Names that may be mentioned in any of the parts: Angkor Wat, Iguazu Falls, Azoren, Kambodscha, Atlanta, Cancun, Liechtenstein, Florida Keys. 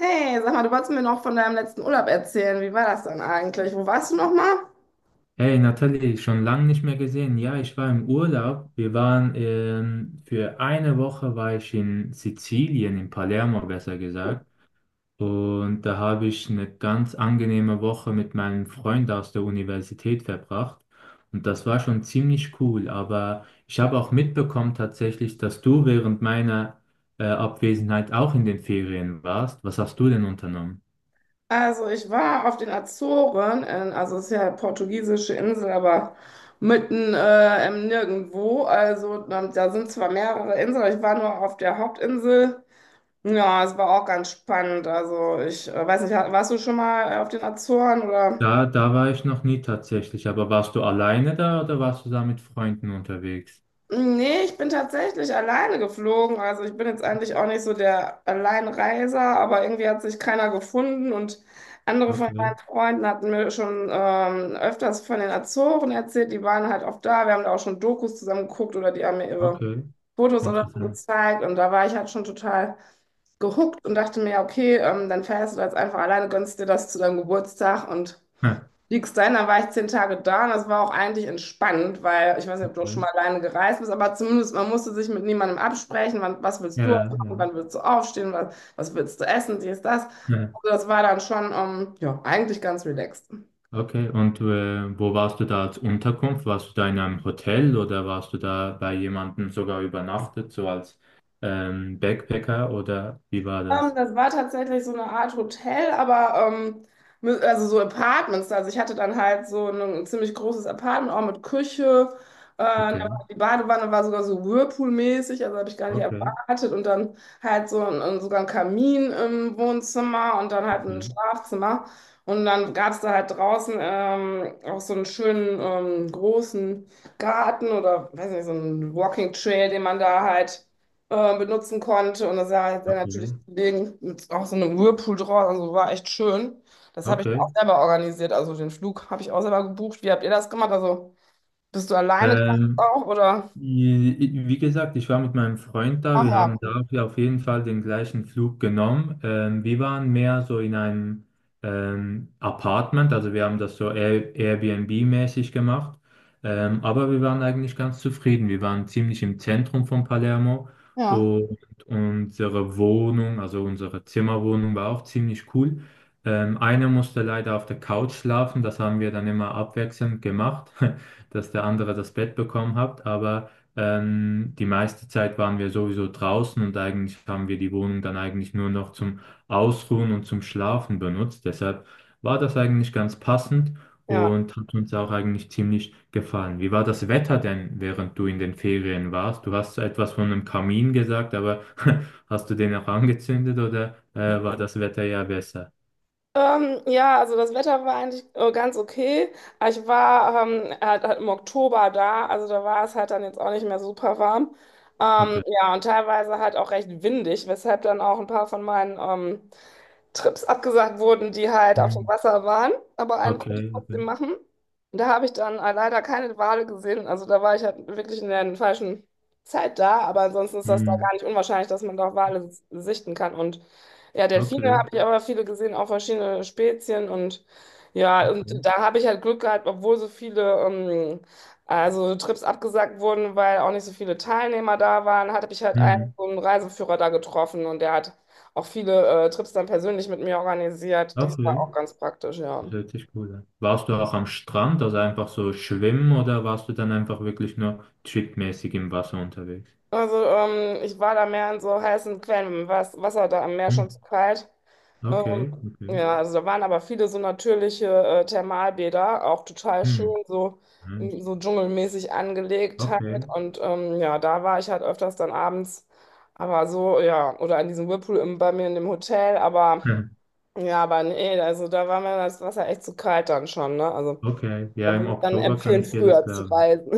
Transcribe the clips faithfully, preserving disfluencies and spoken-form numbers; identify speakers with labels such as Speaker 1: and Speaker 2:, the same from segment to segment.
Speaker 1: Hey, sag mal, du wolltest mir noch von deinem letzten Urlaub erzählen. Wie war das dann eigentlich? Wo warst du nochmal?
Speaker 2: Hey Nathalie, schon lange nicht mehr gesehen. Ja, ich war im Urlaub. Wir waren ähm, für eine Woche war ich in Sizilien, in Palermo besser gesagt. Und da habe ich eine ganz angenehme Woche mit meinem Freund aus der Universität verbracht. Und das war schon ziemlich cool. Aber ich habe auch mitbekommen tatsächlich, dass du während meiner äh, Abwesenheit auch in den Ferien warst. Was hast du denn unternommen?
Speaker 1: Also, ich war auf den Azoren, in, also es ist ja portugiesische Insel, aber mitten äh, im Nirgendwo. Also, ähm, da sind zwar mehrere Inseln, aber ich war nur auf der Hauptinsel. Ja, es war auch ganz spannend. Also, ich äh, weiß nicht, warst du schon mal auf den Azoren oder?
Speaker 2: Da, da war ich noch nie tatsächlich, aber warst du alleine da oder warst du da mit Freunden unterwegs?
Speaker 1: Nee, ich bin tatsächlich alleine geflogen. Also ich bin jetzt eigentlich auch nicht so der Alleinreiser, aber irgendwie hat sich keiner gefunden und andere von
Speaker 2: Okay,
Speaker 1: meinen Freunden hatten mir schon ähm, öfters von den Azoren erzählt. Die waren halt oft da. Wir haben da auch schon Dokus zusammen geguckt oder die haben mir ihre
Speaker 2: okay,
Speaker 1: Fotos oder so
Speaker 2: interessant.
Speaker 1: gezeigt und da war ich halt schon total gehuckt und dachte mir, ja, okay, ähm, dann fährst du jetzt einfach alleine, gönnst dir das zu deinem Geburtstag und
Speaker 2: Hm,
Speaker 1: Liechtenstein, da war ich zehn Tage da und das war auch eigentlich entspannt, weil ich weiß nicht, ob du auch schon
Speaker 2: Okay.
Speaker 1: mal alleine gereist bist, aber zumindest man musste sich mit niemandem absprechen, wann, was willst du
Speaker 2: Ja, ja.
Speaker 1: machen, wann willst du aufstehen, was, was willst du essen, dies, das.
Speaker 2: Hm,
Speaker 1: Also das war dann schon, ähm, ja, eigentlich ganz relaxed.
Speaker 2: Okay, und äh, wo warst du da als Unterkunft? Warst du da in einem Hotel oder warst du da bei jemandem sogar übernachtet, so als ähm, Backpacker oder wie war
Speaker 1: Ähm,
Speaker 2: das?
Speaker 1: das war tatsächlich so eine Art Hotel, aber ähm, mit- also so Apartments. Also ich hatte dann halt so ein, ein ziemlich großes Apartment, auch mit Küche. Äh, da
Speaker 2: Okay,
Speaker 1: war, die Badewanne war sogar so Whirlpool-mäßig, also habe ich gar nicht
Speaker 2: okay,
Speaker 1: erwartet. Und dann halt so ein, ein, sogar ein Kamin im Wohnzimmer und dann halt ein
Speaker 2: okay,
Speaker 1: Schlafzimmer. Und dann gab es da halt draußen ähm, auch so einen schönen ähm, großen Garten oder weiß nicht, so einen Walking Trail, den man da halt äh, benutzen konnte. Und das war sehr
Speaker 2: okay,
Speaker 1: natürlich Kollegen mit auch so einem Whirlpool draus. Also war echt schön. Das habe ich
Speaker 2: okay.
Speaker 1: auch selber organisiert. Also den Flug habe ich auch selber gebucht. Wie habt ihr das gemacht? Also bist du alleine gereist
Speaker 2: Ähm,
Speaker 1: auch oder?
Speaker 2: wie gesagt, ich war mit meinem Freund da.
Speaker 1: Ach
Speaker 2: Wir, mhm, haben
Speaker 1: ja,
Speaker 2: dafür auf jeden Fall den gleichen Flug genommen. Ähm, wir waren mehr so in einem ähm, Apartment, also wir haben das so Air Airbnb-mäßig gemacht. Ähm, aber wir waren eigentlich ganz zufrieden. Wir waren ziemlich im Zentrum von Palermo
Speaker 1: ja,
Speaker 2: und unsere Wohnung, also unsere Zimmerwohnung, war auch ziemlich cool. Ähm, einer musste leider auf der Couch schlafen. Das haben wir dann immer abwechselnd gemacht, dass der andere das Bett bekommen hat. Aber ähm, die meiste Zeit waren wir sowieso draußen und eigentlich haben wir die Wohnung dann eigentlich nur noch zum Ausruhen und zum Schlafen benutzt. Deshalb war das eigentlich ganz passend
Speaker 1: ja.
Speaker 2: und hat uns auch eigentlich ziemlich gefallen. Wie war das Wetter denn, während du in den Ferien warst? Du hast etwas von einem Kamin gesagt, aber hast du den auch angezündet oder äh, war das Wetter ja besser?
Speaker 1: Ähm, ja, also das Wetter war eigentlich äh, ganz okay. Aber Ich war ähm, halt, halt im Oktober da, also da war es halt dann jetzt auch nicht mehr super warm. Ähm,
Speaker 2: Okay.
Speaker 1: ja, und teilweise halt auch recht windig, weshalb dann auch ein paar von meinen ähm, Trips abgesagt wurden, die halt auf dem
Speaker 2: Hm.
Speaker 1: Wasser waren, aber einen konnte
Speaker 2: Okay,
Speaker 1: ich trotzdem
Speaker 2: okay.
Speaker 1: machen. Und da habe ich dann äh, leider keine Wale gesehen. Also da war ich halt wirklich in der falschen Zeit da, aber ansonsten ist das da
Speaker 2: Hm.
Speaker 1: gar nicht unwahrscheinlich, dass man da Wale s- sichten kann. Und ja, Delfine
Speaker 2: Okay,
Speaker 1: habe ich aber viele gesehen, auch verschiedene Spezien und ja,
Speaker 2: okay.
Speaker 1: und da habe ich halt Glück gehabt, obwohl so viele ähm, also Trips abgesagt wurden, weil auch nicht so viele Teilnehmer da waren, hatte ich halt einen,
Speaker 2: Hm.
Speaker 1: so einen Reiseführer da getroffen und der hat auch viele äh, Trips dann persönlich mit mir organisiert. Das war auch
Speaker 2: Okay.
Speaker 1: ganz praktisch, ja.
Speaker 2: Das hört sich cool an. Warst du auch am Strand, also einfach so schwimmen oder warst du dann einfach wirklich nur tripmäßig im Wasser unterwegs?
Speaker 1: Also ähm, ich war da mehr in so heißen Quellen, im Was- Wasser da am Meer
Speaker 2: Hm.
Speaker 1: schon zu kalt. Ähm,
Speaker 2: Okay, okay.
Speaker 1: ja, also da waren aber viele so natürliche äh, Thermalbäder, auch total schön,
Speaker 2: Hm.
Speaker 1: so, mm,
Speaker 2: Nice.
Speaker 1: so dschungelmäßig angelegt halt.
Speaker 2: Okay.
Speaker 1: Und ähm, ja, da war ich halt öfters dann abends, aber so, ja, oder in diesem Whirlpool im, bei mir in dem Hotel, aber
Speaker 2: Hm.
Speaker 1: ja, aber nee, also da war mir das Wasser echt zu kalt dann schon, ne? Also.
Speaker 2: Okay. Ja,
Speaker 1: Da
Speaker 2: im
Speaker 1: würde ich dann
Speaker 2: Oktober kann
Speaker 1: empfehlen,
Speaker 2: ich dir das
Speaker 1: früher zu
Speaker 2: glauben.
Speaker 1: reisen.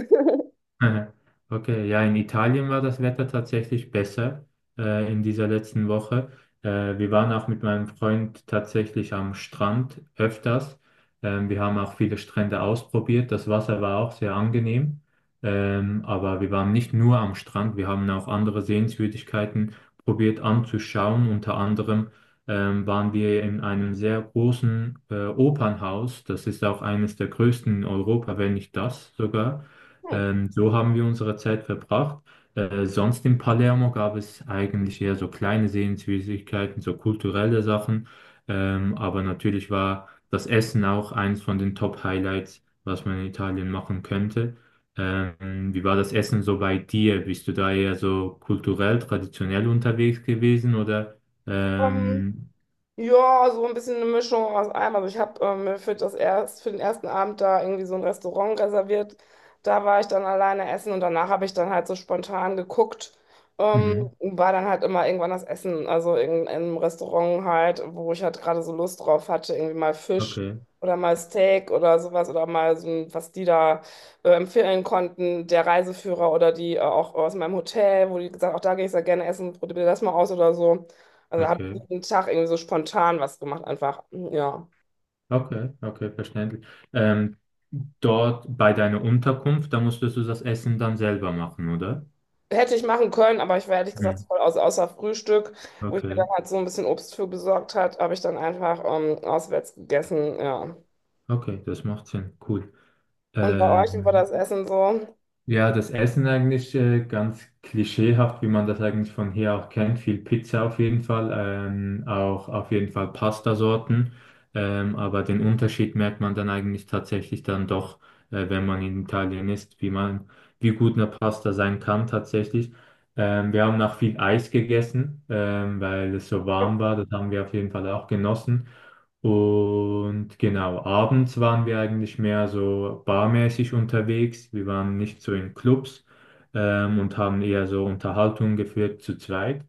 Speaker 2: Okay, ja, in Italien war das Wetter tatsächlich besser äh, in dieser letzten Woche. Äh, wir waren auch mit meinem Freund tatsächlich am Strand öfters. Ähm, wir haben auch viele Strände ausprobiert. Das Wasser war auch sehr angenehm. Ähm, aber wir waren nicht nur am Strand, wir haben auch andere Sehenswürdigkeiten probiert anzuschauen. Unter anderem ähm, waren wir in einem sehr großen äh, Opernhaus. Das ist auch eines der größten in Europa, wenn nicht das sogar.
Speaker 1: Hm.
Speaker 2: Ähm, so haben wir unsere Zeit verbracht. Äh, sonst in Palermo gab es eigentlich eher so kleine Sehenswürdigkeiten, so kulturelle Sachen. Ähm, aber natürlich war das Essen auch eins von den Top-Highlights, was man in Italien machen könnte. Ähm, wie war das Essen so bei dir? Bist du da eher so kulturell, traditionell unterwegs gewesen oder?
Speaker 1: Ähm,
Speaker 2: Ähm,
Speaker 1: Ja, so ein bisschen eine Mischung aus allem. Also ich habe äh, mir für das erst, für den ersten Abend da irgendwie so ein Restaurant reserviert. Da war ich dann alleine essen und danach habe ich dann halt so spontan geguckt. Ähm,
Speaker 2: mhm.
Speaker 1: und war dann halt immer irgendwann das Essen, also in, in einem Restaurant halt, wo ich halt gerade so Lust drauf hatte, irgendwie mal Fisch
Speaker 2: Okay,
Speaker 1: oder mal Steak oder sowas oder mal so ein, was die da äh, empfehlen konnten, der Reiseführer oder die äh, auch aus meinem Hotel, wo die gesagt, auch da gehe ich sehr gerne essen, probier das mal aus oder so. Also habe ich
Speaker 2: okay.
Speaker 1: jeden Tag irgendwie so spontan was gemacht, einfach. Ja.
Speaker 2: Okay, okay, verständlich. Ähm, dort bei deiner Unterkunft, da musstest du das Essen dann selber machen, oder?
Speaker 1: Hätte ich machen können, aber ich war ehrlich gesagt
Speaker 2: Hm,
Speaker 1: voll aus, außer Frühstück, wo ich mir dann
Speaker 2: okay,
Speaker 1: halt so ein bisschen Obst für besorgt hat, habe ich dann einfach ähm, auswärts gegessen. Ja.
Speaker 2: okay, das macht Sinn. Cool.
Speaker 1: Und bei euch, wie war das
Speaker 2: Ähm,
Speaker 1: Essen so?
Speaker 2: ja, das Essen eigentlich äh, ganz klischeehaft, wie man das eigentlich von hier auch kennt. Viel Pizza auf jeden Fall, ähm, auch auf jeden Fall Pastasorten. Ähm, aber den Unterschied merkt man dann eigentlich tatsächlich dann doch, äh, wenn man in Italien ist, wie man, wie gut eine Pasta sein kann tatsächlich. Ähm, wir haben auch viel Eis gegessen, ähm, weil es so warm war. Das haben wir auf jeden Fall auch genossen. Und genau, abends waren wir eigentlich mehr so barmäßig unterwegs. Wir waren nicht so in Clubs ähm, und haben eher so Unterhaltungen geführt zu zweit.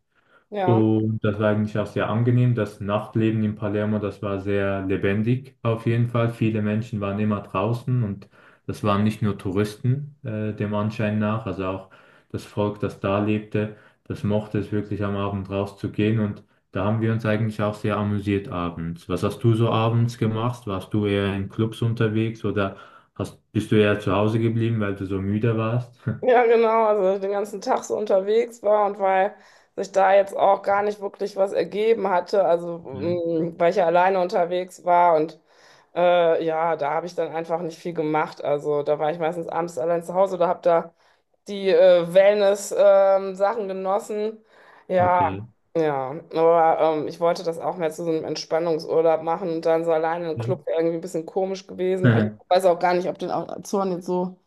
Speaker 1: Ja,
Speaker 2: Und das war eigentlich auch sehr angenehm. Das Nachtleben in Palermo, das war sehr lebendig auf jeden Fall. Viele Menschen waren immer draußen und das waren nicht nur Touristen, äh, dem Anschein nach. Also auch das Volk, das da lebte, das mochte es wirklich am Abend rauszugehen. Und da haben wir uns eigentlich auch sehr amüsiert abends. Was hast du so abends gemacht? Warst du eher in Clubs unterwegs oder hast, bist du eher zu Hause geblieben, weil du so müde warst?
Speaker 1: ja, genau. Also den ganzen Tag so unterwegs war und weil sich da jetzt auch gar nicht wirklich was ergeben hatte, also mm, weil ich ja alleine unterwegs war und Äh, ja, da habe ich dann einfach nicht viel gemacht. Also da war ich meistens abends allein zu Hause oder habe da die äh, Wellness-Sachen genossen. Ja,
Speaker 2: Okay.
Speaker 1: ja. Aber ähm, ich wollte das auch mehr zu so einem Entspannungsurlaub machen und dann so alleine im
Speaker 2: Okay.
Speaker 1: Club wäre irgendwie ein bisschen komisch gewesen. Ich
Speaker 2: Ja,
Speaker 1: weiß auch gar nicht, ob den Azoren jetzt so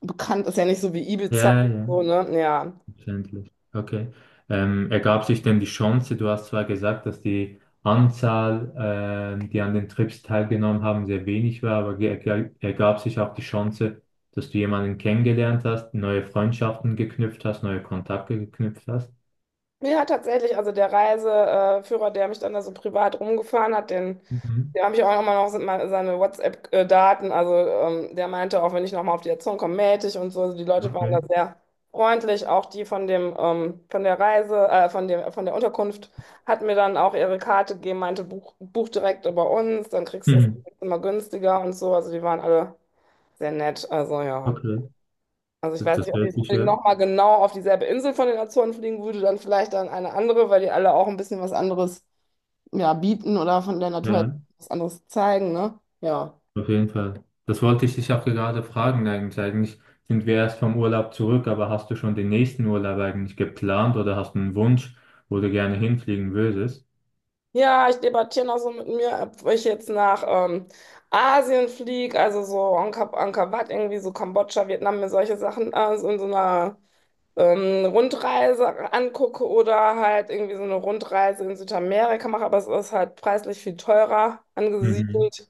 Speaker 1: bekannt ist, ja nicht so wie Ibiza.
Speaker 2: ja,
Speaker 1: So,
Speaker 2: ja.
Speaker 1: ne? Ja.
Speaker 2: Verständlich. Okay. Ähm, ergab sich denn die Chance, du hast zwar gesagt, dass die Anzahl, ähm, die an den Trips teilgenommen haben, sehr wenig war, aber ge- ge- ergab sich auch die Chance, dass du jemanden kennengelernt hast, neue Freundschaften geknüpft hast, neue Kontakte geknüpft hast?
Speaker 1: Ja, tatsächlich. Also der Reiseführer, der mich dann da so privat rumgefahren hat, den.
Speaker 2: Mhm.
Speaker 1: Da habe ich auch immer noch se- mal seine WhatsApp-Daten. Also ähm, der meinte auch, wenn ich nochmal auf die Erziehung komme, melde ich und so. Also die Leute waren
Speaker 2: Okay.
Speaker 1: da sehr freundlich. Auch die von dem, ähm, von der Reise, äh, von dem, von der Unterkunft hat mir dann auch ihre Karte gegeben, meinte, buch, buch direkt über uns, dann kriegst du es
Speaker 2: Mhm.
Speaker 1: immer günstiger und so. Also die waren alle sehr nett. Also ja.
Speaker 2: Okay.
Speaker 1: Also ich
Speaker 2: Das,
Speaker 1: weiß
Speaker 2: das
Speaker 1: nicht, ob ich
Speaker 2: hört
Speaker 1: jetzt
Speaker 2: sich
Speaker 1: unbedingt
Speaker 2: ja.
Speaker 1: nochmal genau auf dieselbe Insel von den Azoren fliegen würde, dann vielleicht dann eine andere, weil die alle auch ein bisschen was anderes ja, bieten oder von der Natur halt
Speaker 2: Ja.
Speaker 1: was anderes zeigen, ne? Ja.
Speaker 2: Auf jeden Fall. Das wollte ich dich auch gerade fragen eigentlich. Eigentlich sind wir erst vom Urlaub zurück, aber hast du schon den nächsten Urlaub eigentlich geplant oder hast du einen Wunsch, wo du gerne hinfliegen würdest?
Speaker 1: Ja, ich debattiere noch so mit mir, ob ich jetzt nach ähm, Asien fliege, also so Angkor, Angkor Wat, irgendwie so Kambodscha, Vietnam, mir solche Sachen äh, so in so einer ähm, Rundreise angucke oder halt irgendwie so eine Rundreise in Südamerika mache, aber es ist halt preislich viel teurer
Speaker 2: Mhm.
Speaker 1: angesiedelt.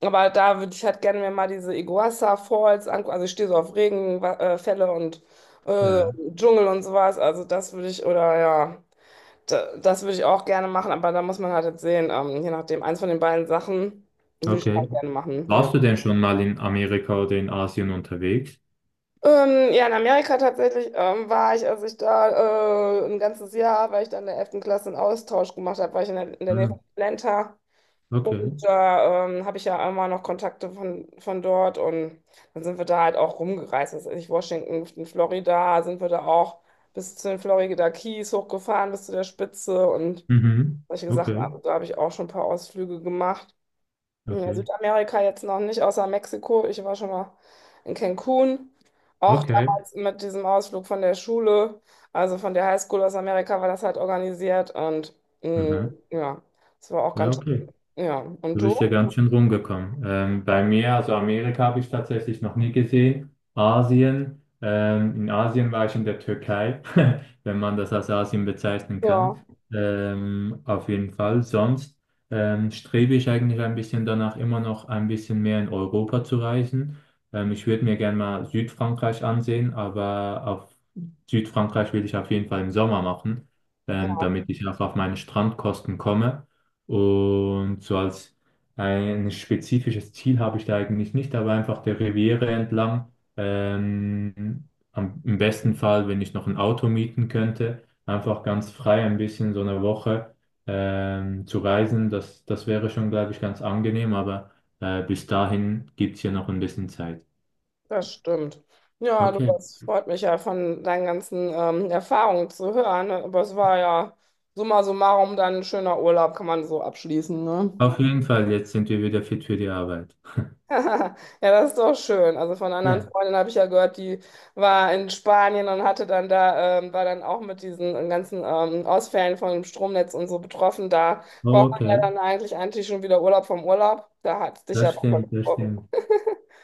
Speaker 1: Aber da würde ich halt gerne mir mal diese Iguazu Falls angucken. Also ich stehe so auf Regenfälle und äh,
Speaker 2: Ja,
Speaker 1: Dschungel und sowas. Also das würde ich, oder ja, da, das würde ich auch gerne machen. Aber da muss man halt jetzt sehen, ähm, je nachdem, eins von den beiden Sachen würde ich
Speaker 2: okay.
Speaker 1: halt gerne machen, ja.
Speaker 2: Warst du denn schon mal in Amerika oder in Asien unterwegs?
Speaker 1: Ähm, ja, in Amerika tatsächlich ähm, war ich, als ich da äh, ein ganzes Jahr, weil ich da in der elften Klasse einen Austausch gemacht habe, war ich in der, in der Nähe
Speaker 2: Ah,
Speaker 1: von Atlanta.
Speaker 2: okay.
Speaker 1: Und da ähm, habe ich ja immer noch Kontakte von, von dort und dann sind wir da halt auch rumgereist. Das ist nicht Washington, in Florida sind wir da auch bis zu den Florida Keys hochgefahren, bis zu der Spitze und
Speaker 2: Mhm.
Speaker 1: solche Sachen.
Speaker 2: Okay,
Speaker 1: Also da habe ich auch schon ein paar Ausflüge gemacht. Hm, in
Speaker 2: okay,
Speaker 1: Südamerika jetzt noch nicht, außer Mexiko. Ich war schon mal in Cancun. Auch
Speaker 2: okay.
Speaker 1: damals mit diesem Ausflug von der Schule, also von der Highschool aus Amerika war das halt organisiert und mh,
Speaker 2: Mhm.
Speaker 1: ja, das war auch
Speaker 2: Ja,
Speaker 1: ganz,
Speaker 2: okay.
Speaker 1: schön. Ja. Und
Speaker 2: Du
Speaker 1: du?
Speaker 2: bist ja ganz schön rumgekommen. Ähm, bei mir, also Amerika habe ich tatsächlich noch nie gesehen. Asien, ähm, in Asien war ich in der Türkei, wenn man das als Asien bezeichnen kann.
Speaker 1: Ja,
Speaker 2: Ähm, auf jeden Fall. Sonst ähm, strebe ich eigentlich ein bisschen danach, immer noch ein bisschen mehr in Europa zu reisen. Ähm, ich würde mir gerne mal Südfrankreich ansehen, aber auf Südfrankreich will ich auf jeden Fall im Sommer machen,
Speaker 1: ja,
Speaker 2: ähm, damit ich auch auf meine Strandkosten komme. Und so als ein spezifisches Ziel habe ich da eigentlich nicht, aber einfach der Riviera entlang. Ähm, am, im besten Fall, wenn ich noch ein Auto mieten könnte, einfach ganz frei ein bisschen so eine Woche ähm, zu reisen. Das, das wäre schon, glaube ich, ganz angenehm, aber äh, bis dahin gibt es ja noch ein bisschen Zeit.
Speaker 1: das stimmt. Ja, du,
Speaker 2: Okay,
Speaker 1: das freut mich ja von deinen ganzen ähm, Erfahrungen zu hören. Ne? Aber es war ja summa summarum dann ein schöner Urlaub, kann man so abschließen, ne?
Speaker 2: auf jeden Fall, jetzt sind wir wieder fit für die Arbeit.
Speaker 1: Ja, das ist doch schön. Also von anderen
Speaker 2: Ja,
Speaker 1: Freundinnen habe ich ja gehört, die war in Spanien und hatte dann da, ähm, war dann auch mit diesen ganzen ähm, Ausfällen von dem Stromnetz und so betroffen. Da braucht
Speaker 2: oh,
Speaker 1: man ja
Speaker 2: okay,
Speaker 1: dann eigentlich eigentlich schon wieder Urlaub vom Urlaub. Da hat es dich ja
Speaker 2: das
Speaker 1: auch mal
Speaker 2: stimmt, das
Speaker 1: getroffen.
Speaker 2: stimmt.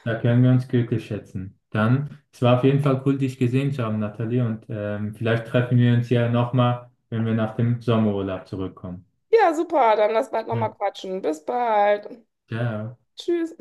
Speaker 2: Da können wir uns glücklich schätzen. Dann, es war auf jeden Fall cool, dich gesehen zu haben, Nathalie. Und ähm, vielleicht treffen wir uns ja nochmal, wenn wir nach dem Sommerurlaub zurückkommen.
Speaker 1: Ja, super. Dann lass bald
Speaker 2: Ja.
Speaker 1: nochmal quatschen. Bis bald.
Speaker 2: Ciao.
Speaker 1: Tschüss.